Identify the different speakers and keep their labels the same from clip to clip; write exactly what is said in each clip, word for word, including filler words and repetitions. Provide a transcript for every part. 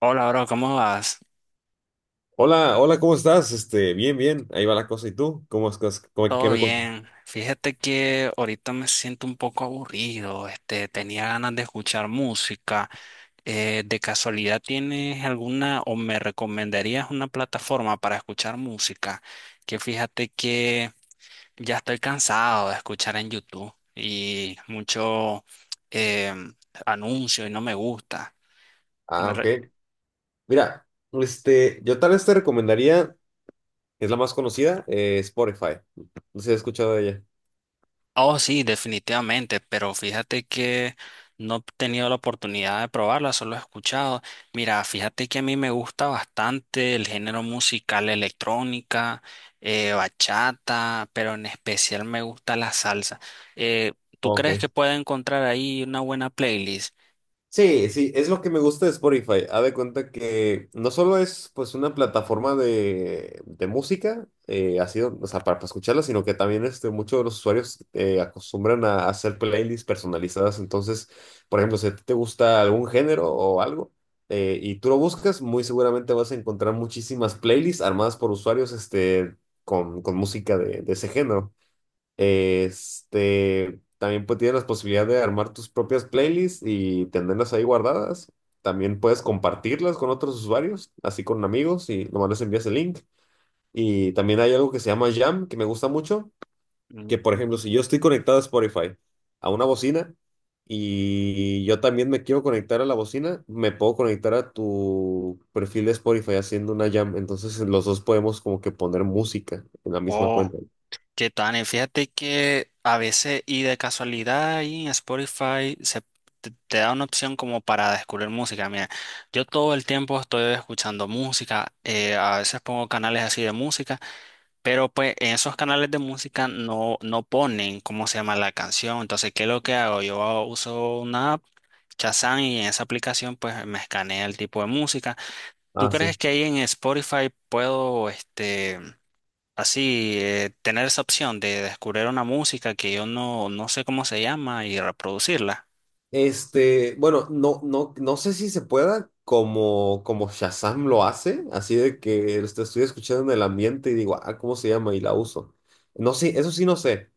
Speaker 1: Hola, bro, ¿cómo vas?
Speaker 2: Hola, hola, ¿cómo estás? Este, bien, bien, ahí va la cosa. ¿Y tú? ¿Cómo estás? ¿Cómo- qué
Speaker 1: Todo
Speaker 2: me cuentas?
Speaker 1: bien. Fíjate que ahorita me siento un poco aburrido. Este, tenía ganas de escuchar música. Eh, ¿de casualidad tienes alguna o me recomendarías una plataforma para escuchar música? Que fíjate que ya estoy cansado de escuchar en YouTube y mucho eh, anuncio y no me gusta.
Speaker 2: Ah, ok. Mira, este, yo tal vez te recomendaría, es la más conocida, eh, Spotify. No sé si has escuchado de ella.
Speaker 1: Oh, sí, definitivamente, pero fíjate que no he tenido la oportunidad de probarla, solo he escuchado. Mira, fíjate que a mí me gusta bastante el género musical electrónica, eh, bachata, pero en especial me gusta la salsa. Eh, ¿Tú
Speaker 2: Ok.
Speaker 1: crees que pueda encontrar ahí una buena playlist?
Speaker 2: Sí, sí, es lo que me gusta de Spotify. Haz de cuenta que no solo es pues una plataforma de, de música, eh, ha sido, o sea, para, para escucharla, sino que también este, muchos de los usuarios eh, acostumbran a hacer playlists personalizadas. Entonces, por ejemplo, si a ti te gusta algún género o algo eh, y tú lo buscas, muy seguramente vas a encontrar muchísimas playlists armadas por usuarios este, con, con música de, de ese género. Este, también pues, tienes la posibilidad de armar tus propias playlists y tenerlas ahí guardadas. También puedes compartirlas con otros usuarios, así con amigos, y nomás les envías el link. Y también hay algo que se llama Jam, que me gusta mucho, que por ejemplo,
Speaker 1: Mm.
Speaker 2: si yo estoy conectado a Spotify, a una bocina, y yo también me quiero conectar a la bocina, me puedo conectar a tu perfil de Spotify haciendo una Jam. Entonces los dos podemos como que poner música en la misma
Speaker 1: Oh.
Speaker 2: cuenta.
Speaker 1: ¿Qué tal? Fíjate que a veces y de casualidad ahí en Spotify se te, te da una opción como para descubrir música. Mira, yo todo el tiempo estoy escuchando música, eh, a veces pongo canales así de música, pero pues en esos canales de música no, no ponen cómo se llama la canción. Entonces, ¿qué es lo que hago? Yo hago- uso una app. Shazam, y en esa aplicación pues me escanea el tipo de música. ¿Tú
Speaker 2: Ah,
Speaker 1: crees
Speaker 2: sí.
Speaker 1: que ahí en Spotify puedo este así, eh, tener esa opción de descubrir una música que yo no, no sé cómo se llama y reproducirla?
Speaker 2: Este, bueno, no, no, no sé si se pueda como, como Shazam lo hace, así de que esto estoy escuchando en el ambiente y digo, ah, ¿cómo se llama? Y la uso. No sé, eso sí no sé,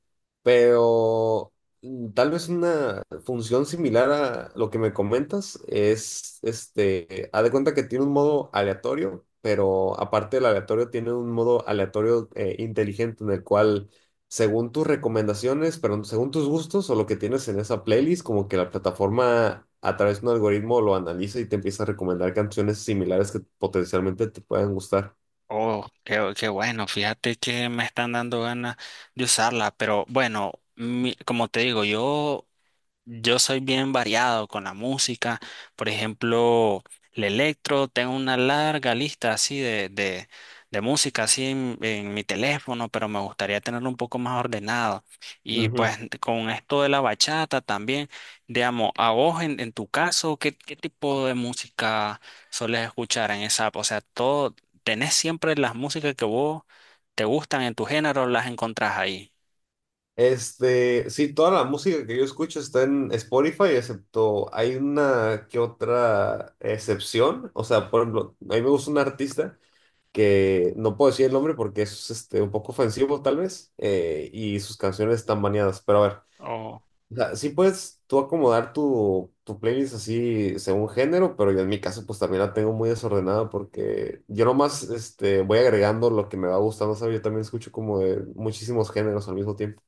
Speaker 2: pero mm, tal vez una función similar a lo que me comentas es, este, haz de cuenta que tiene un modo aleatorio, pero aparte del aleatorio tiene un modo aleatorio eh, inteligente en el cual según tus recomendaciones, perdón, según tus gustos o lo que tienes en esa playlist, como que la plataforma a través de un algoritmo lo analiza y te empieza a recomendar canciones similares que potencialmente te puedan gustar.
Speaker 1: Oh, qué, qué bueno, fíjate que me están dando ganas de usarla, pero bueno, mi- como te digo, yo Yo soy bien variado con la música. Por ejemplo, el electro, tengo una larga lista así de, de, de música así en, en mi teléfono, pero me gustaría tenerlo un poco más ordenado. Y
Speaker 2: Ujú.
Speaker 1: pues con esto de la bachata también, digamos, a vos en, en tu caso, ¿qué, qué tipo de música soles escuchar en esa app? O sea, todo, ¿tenés siempre las músicas que vos te gustan en tu género, las encontrás ahí?
Speaker 2: Este, sí, toda la música que yo escucho está en Spotify, excepto hay una que otra excepción. O sea, por ejemplo, a mí me gusta un artista que no puedo decir el nombre porque es este, un poco ofensivo tal vez, eh, y sus canciones están baneadas. Pero a ver, o sea, sí puedes tú acomodar tu, tu playlist así según género, pero yo en mi caso pues también la tengo muy desordenada porque yo nomás este, voy agregando lo que me va gustando, ¿sabes? Yo también escucho como de muchísimos géneros al mismo tiempo.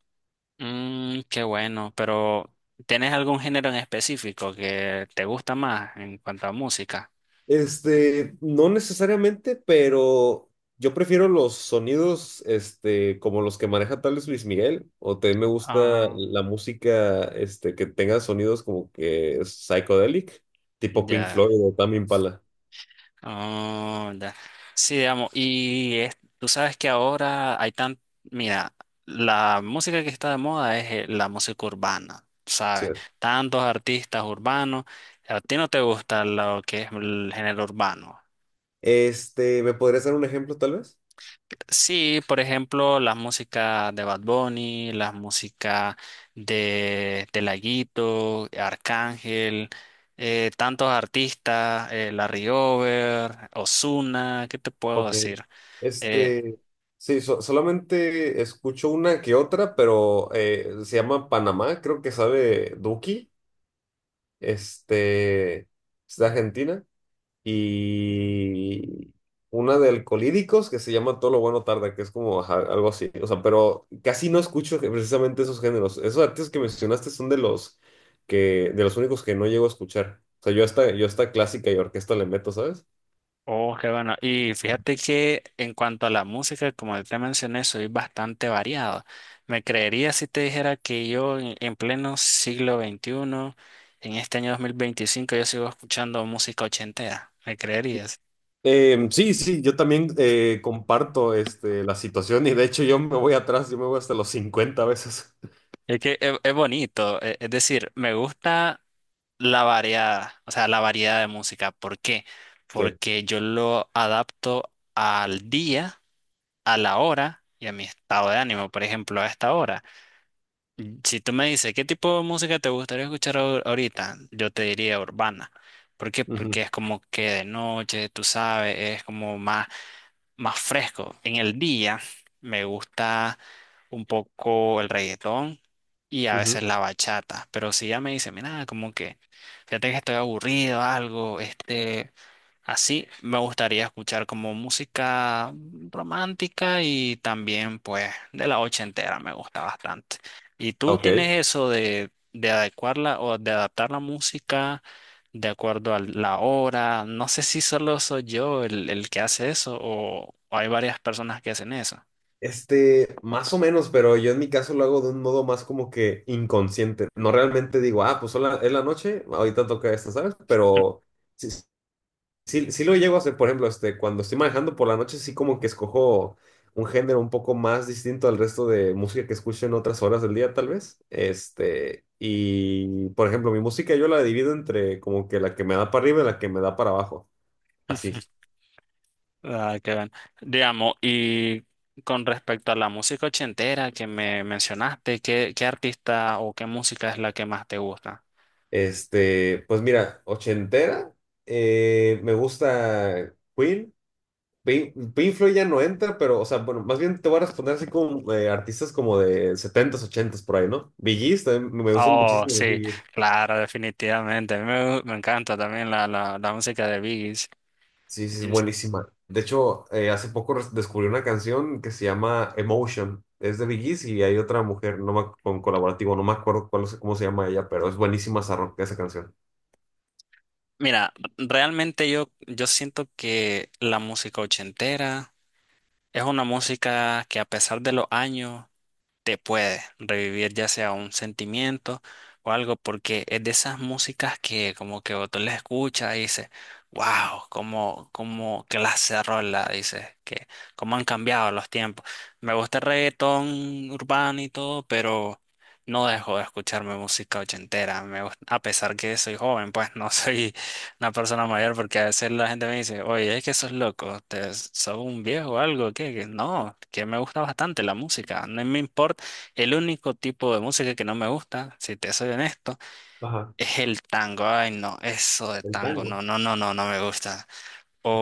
Speaker 1: Mm, qué bueno, pero ¿tenés algún género en específico que te gusta más en cuanto a música?
Speaker 2: Este, no necesariamente, pero yo prefiero los sonidos este, como los que maneja tal vez Luis Miguel, o también me gusta
Speaker 1: Ah,
Speaker 2: la música este, que tenga sonidos como que psychedelic, tipo Pink
Speaker 1: ya,
Speaker 2: Floyd o Tame Impala.
Speaker 1: ah, ya. Sí, digamos, y es- tú sabes que ahora hay tan, mira, la música que está de moda es eh, la música urbana, ¿sabes? Tantos artistas urbanos. ¿A ti no te gusta lo que es el género urbano?
Speaker 2: Este, ¿me podrías dar un ejemplo tal vez?
Speaker 1: Sí, por ejemplo, las músicas de Bad Bunny, las músicas de, de Laguito, Arcángel, eh, tantos artistas, eh, Larry Over, Ozuna, ¿qué te puedo
Speaker 2: Ok.
Speaker 1: decir? Eh,
Speaker 2: Este, sí, so- solamente escucho una que otra, pero eh, se llama Panamá, creo que sabe Duki, este, es de Argentina, y una de Alcolíricos que se llama Todo lo bueno tarda, que es como ajá, algo así, o sea, pero casi no escucho que- precisamente esos géneros. Esos artistas que mencionaste son de los que, de los únicos que no llego a escuchar. O sea, yo hasta, yo hasta clásica y orquesta le meto, ¿sabes?
Speaker 1: oh, qué bueno. Y fíjate que en cuanto a la música, como te mencioné, soy bastante variado. Me creería si te dijera que yo en, en pleno siglo veintiuno, en este año dos mil veinticinco, yo sigo escuchando música ochentera. ¿Me creerías?
Speaker 2: Eh, sí, sí, yo también eh, comparto este, la situación y de hecho yo me voy atrás, yo me voy hasta los cincuenta veces.
Speaker 1: Es que es, es bonito, e- es decir, me gusta la variedad, o sea, la variedad de música. ¿Por qué?
Speaker 2: Sí.
Speaker 1: Porque yo lo adapto al día, a la hora y a mi estado de ánimo, por ejemplo, a esta hora. Mm, si tú me dices, ¿qué tipo de música te gustaría escuchar ahor- ahorita? Yo te diría urbana. ¿Por qué? Porque
Speaker 2: Ujú,
Speaker 1: es como que de noche, tú sabes, es como más más fresco. En el día me gusta un poco el reggaetón y a veces
Speaker 2: ujú.
Speaker 1: la bachata, pero si ya me dice, mira, como que fíjate que estoy aburrido, algo, este, así me gustaría escuchar como música romántica y también pues de la ochentera me gusta bastante. ¿Y tú
Speaker 2: Ok.
Speaker 1: tienes eso de, de adecuarla o de adaptar la música de acuerdo a la hora? No sé si solo soy yo el, el que hace eso o, o hay varias personas que hacen eso.
Speaker 2: Este, más o menos, pero yo en mi caso lo hago de un modo más como que inconsciente. No realmente digo, ah, pues sola- es la noche, ahorita toca esto, ¿sabes? Pero sí, sí, sí lo llego a hacer, por ejemplo, este, cuando estoy manejando por la noche, sí como que escojo un género un poco más distinto al resto de música que escucho en otras horas del día, tal vez. Este, y por ejemplo, mi música yo la divido entre como que la que me da para arriba y la que me da para abajo. Así.
Speaker 1: Ah, qué bien. Digamos, y con respecto a la música ochentera que me mencionaste, ¿qué, qué artista o qué música es la que más te gusta?
Speaker 2: Este, pues mira, ochentera, eh, me gusta Queen. Pink, Pink Floyd ya no entra, pero, o sea, bueno, más bien te voy a responder así como eh, artistas como de setentas ochentas por ahí, ¿no? Bee Gees, también me gusta
Speaker 1: Oh,
Speaker 2: muchísimo de
Speaker 1: sí,
Speaker 2: Bee Gees.
Speaker 1: claro, definitivamente. A mí me, me encanta también la, la, la música de Biggie.
Speaker 2: Sí, sí, es
Speaker 1: Yes.
Speaker 2: buenísima. De hecho, eh, hace poco res- descubrí una canción que se llama Emotion. Es de Bee Gees y hay otra mujer no me con colaborativo, no me acuerdo cuál, es- cómo se llama ella, pero es buenísima esa, ro- esa canción.
Speaker 1: Mira, realmente yo, yo siento que la música ochentera es una música que a pesar de los años te puede revivir ya sea un sentimiento o algo, porque es de esas músicas que como que tú la escuchas y dices, wow, como, como clase de rola, dices, que cómo han cambiado los tiempos. Me gusta el reggaetón urbano y todo, pero no dejo de escucharme música ochentera. Me gus- a pesar que soy joven, pues no soy una persona mayor, porque a veces la gente me dice, oye, es que sos loco, te, sos un viejo o algo, que no, que me gusta bastante la música, no me importa. El único tipo de música que no me gusta, si te soy honesto,
Speaker 2: Ajá,
Speaker 1: es el tango. Ay, no, eso de
Speaker 2: el
Speaker 1: tango,
Speaker 2: tango.
Speaker 1: no, no, no, no, no me gusta.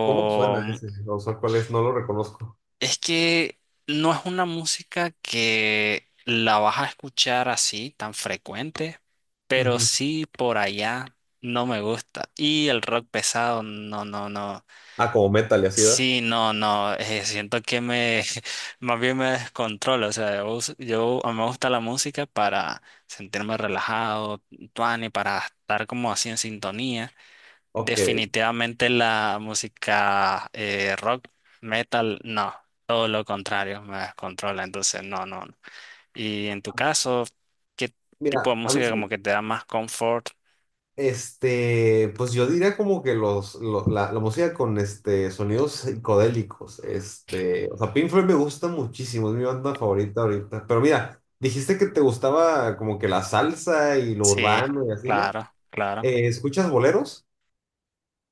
Speaker 2: ¿Cómo suena
Speaker 1: mm,
Speaker 2: ese? O sea, ¿cuál es? No lo reconozco.
Speaker 1: es que no es una música que la vas a escuchar así tan frecuente, pero
Speaker 2: Ujú.
Speaker 1: sí por allá no me gusta. Y el rock pesado, no, no, no.
Speaker 2: Ah, como metal y así, ¿verdad?
Speaker 1: Sí, no, no, eh, siento que me, más bien me descontrolo, o sea, yo, us- yo- a mí me gusta la música para sentirme relajado, tuani, para estar como así en sintonía.
Speaker 2: Ok.
Speaker 1: Definitivamente la música eh, rock, metal, no, todo lo contrario, me descontrola, entonces no, no, no. Y en tu caso, ¿qué tipo de
Speaker 2: Mira, a mí
Speaker 1: música como
Speaker 2: sí.
Speaker 1: que te da más confort?
Speaker 2: Este, pues yo diría como que los, lo- la, la música con este, sonidos psicodélicos, este, o sea, Pink Floyd me gusta muchísimo, es mi banda favorita ahorita, pero mira, dijiste que te gustaba como que la salsa y lo
Speaker 1: Sí,
Speaker 2: urbano y así, ¿no?
Speaker 1: claro, claro.
Speaker 2: Eh, ¿escuchas boleros?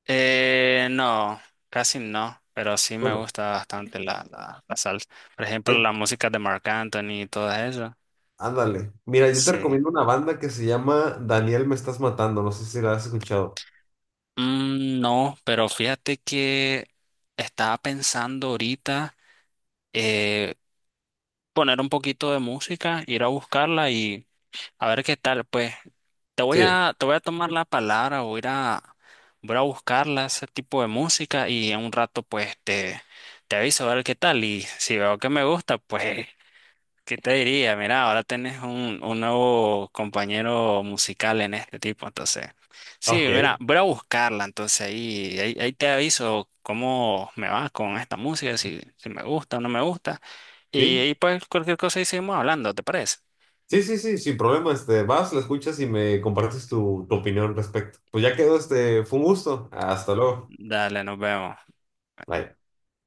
Speaker 1: Eh, no, casi no, pero sí me
Speaker 2: Bueno,
Speaker 1: gusta bastante la, la, la salsa. Por ejemplo,
Speaker 2: ay,
Speaker 1: la música de Marc Anthony y todo eso.
Speaker 2: ándale, mira, yo te
Speaker 1: Sí.
Speaker 2: recomiendo una banda que se llama Daniel Me Estás Matando, no sé si la has escuchado.
Speaker 1: Mm, no, pero fíjate que estaba pensando ahorita eh, poner un poquito de música, ir a buscarla y a ver qué tal. Pues te voy
Speaker 2: Sí.
Speaker 1: a, te voy a tomar la palabra, voy a, ir a- voy a buscarla, ese tipo de música y en un rato pues te, te aviso a ver qué tal y si veo que me gusta, pues ¿qué te diría? Mira, ahora tenés un, un nuevo compañero musical en este tipo, entonces. Sí,
Speaker 2: Ok.
Speaker 1: mira, voy a buscarla, entonces ahí, ahí, ahí te aviso cómo me va con esta música, si, si me gusta o no me gusta. Y
Speaker 2: ¿Sí?
Speaker 1: ahí pues cualquier cosa ahí seguimos hablando, ¿te parece?
Speaker 2: Sí, sí, sí, sin problema, este, vas, la escuchas y me compartes tu, tu opinión al respecto. Pues ya quedó, este, fue un gusto. Hasta luego.
Speaker 1: Dale, nos vemos.
Speaker 2: Bye.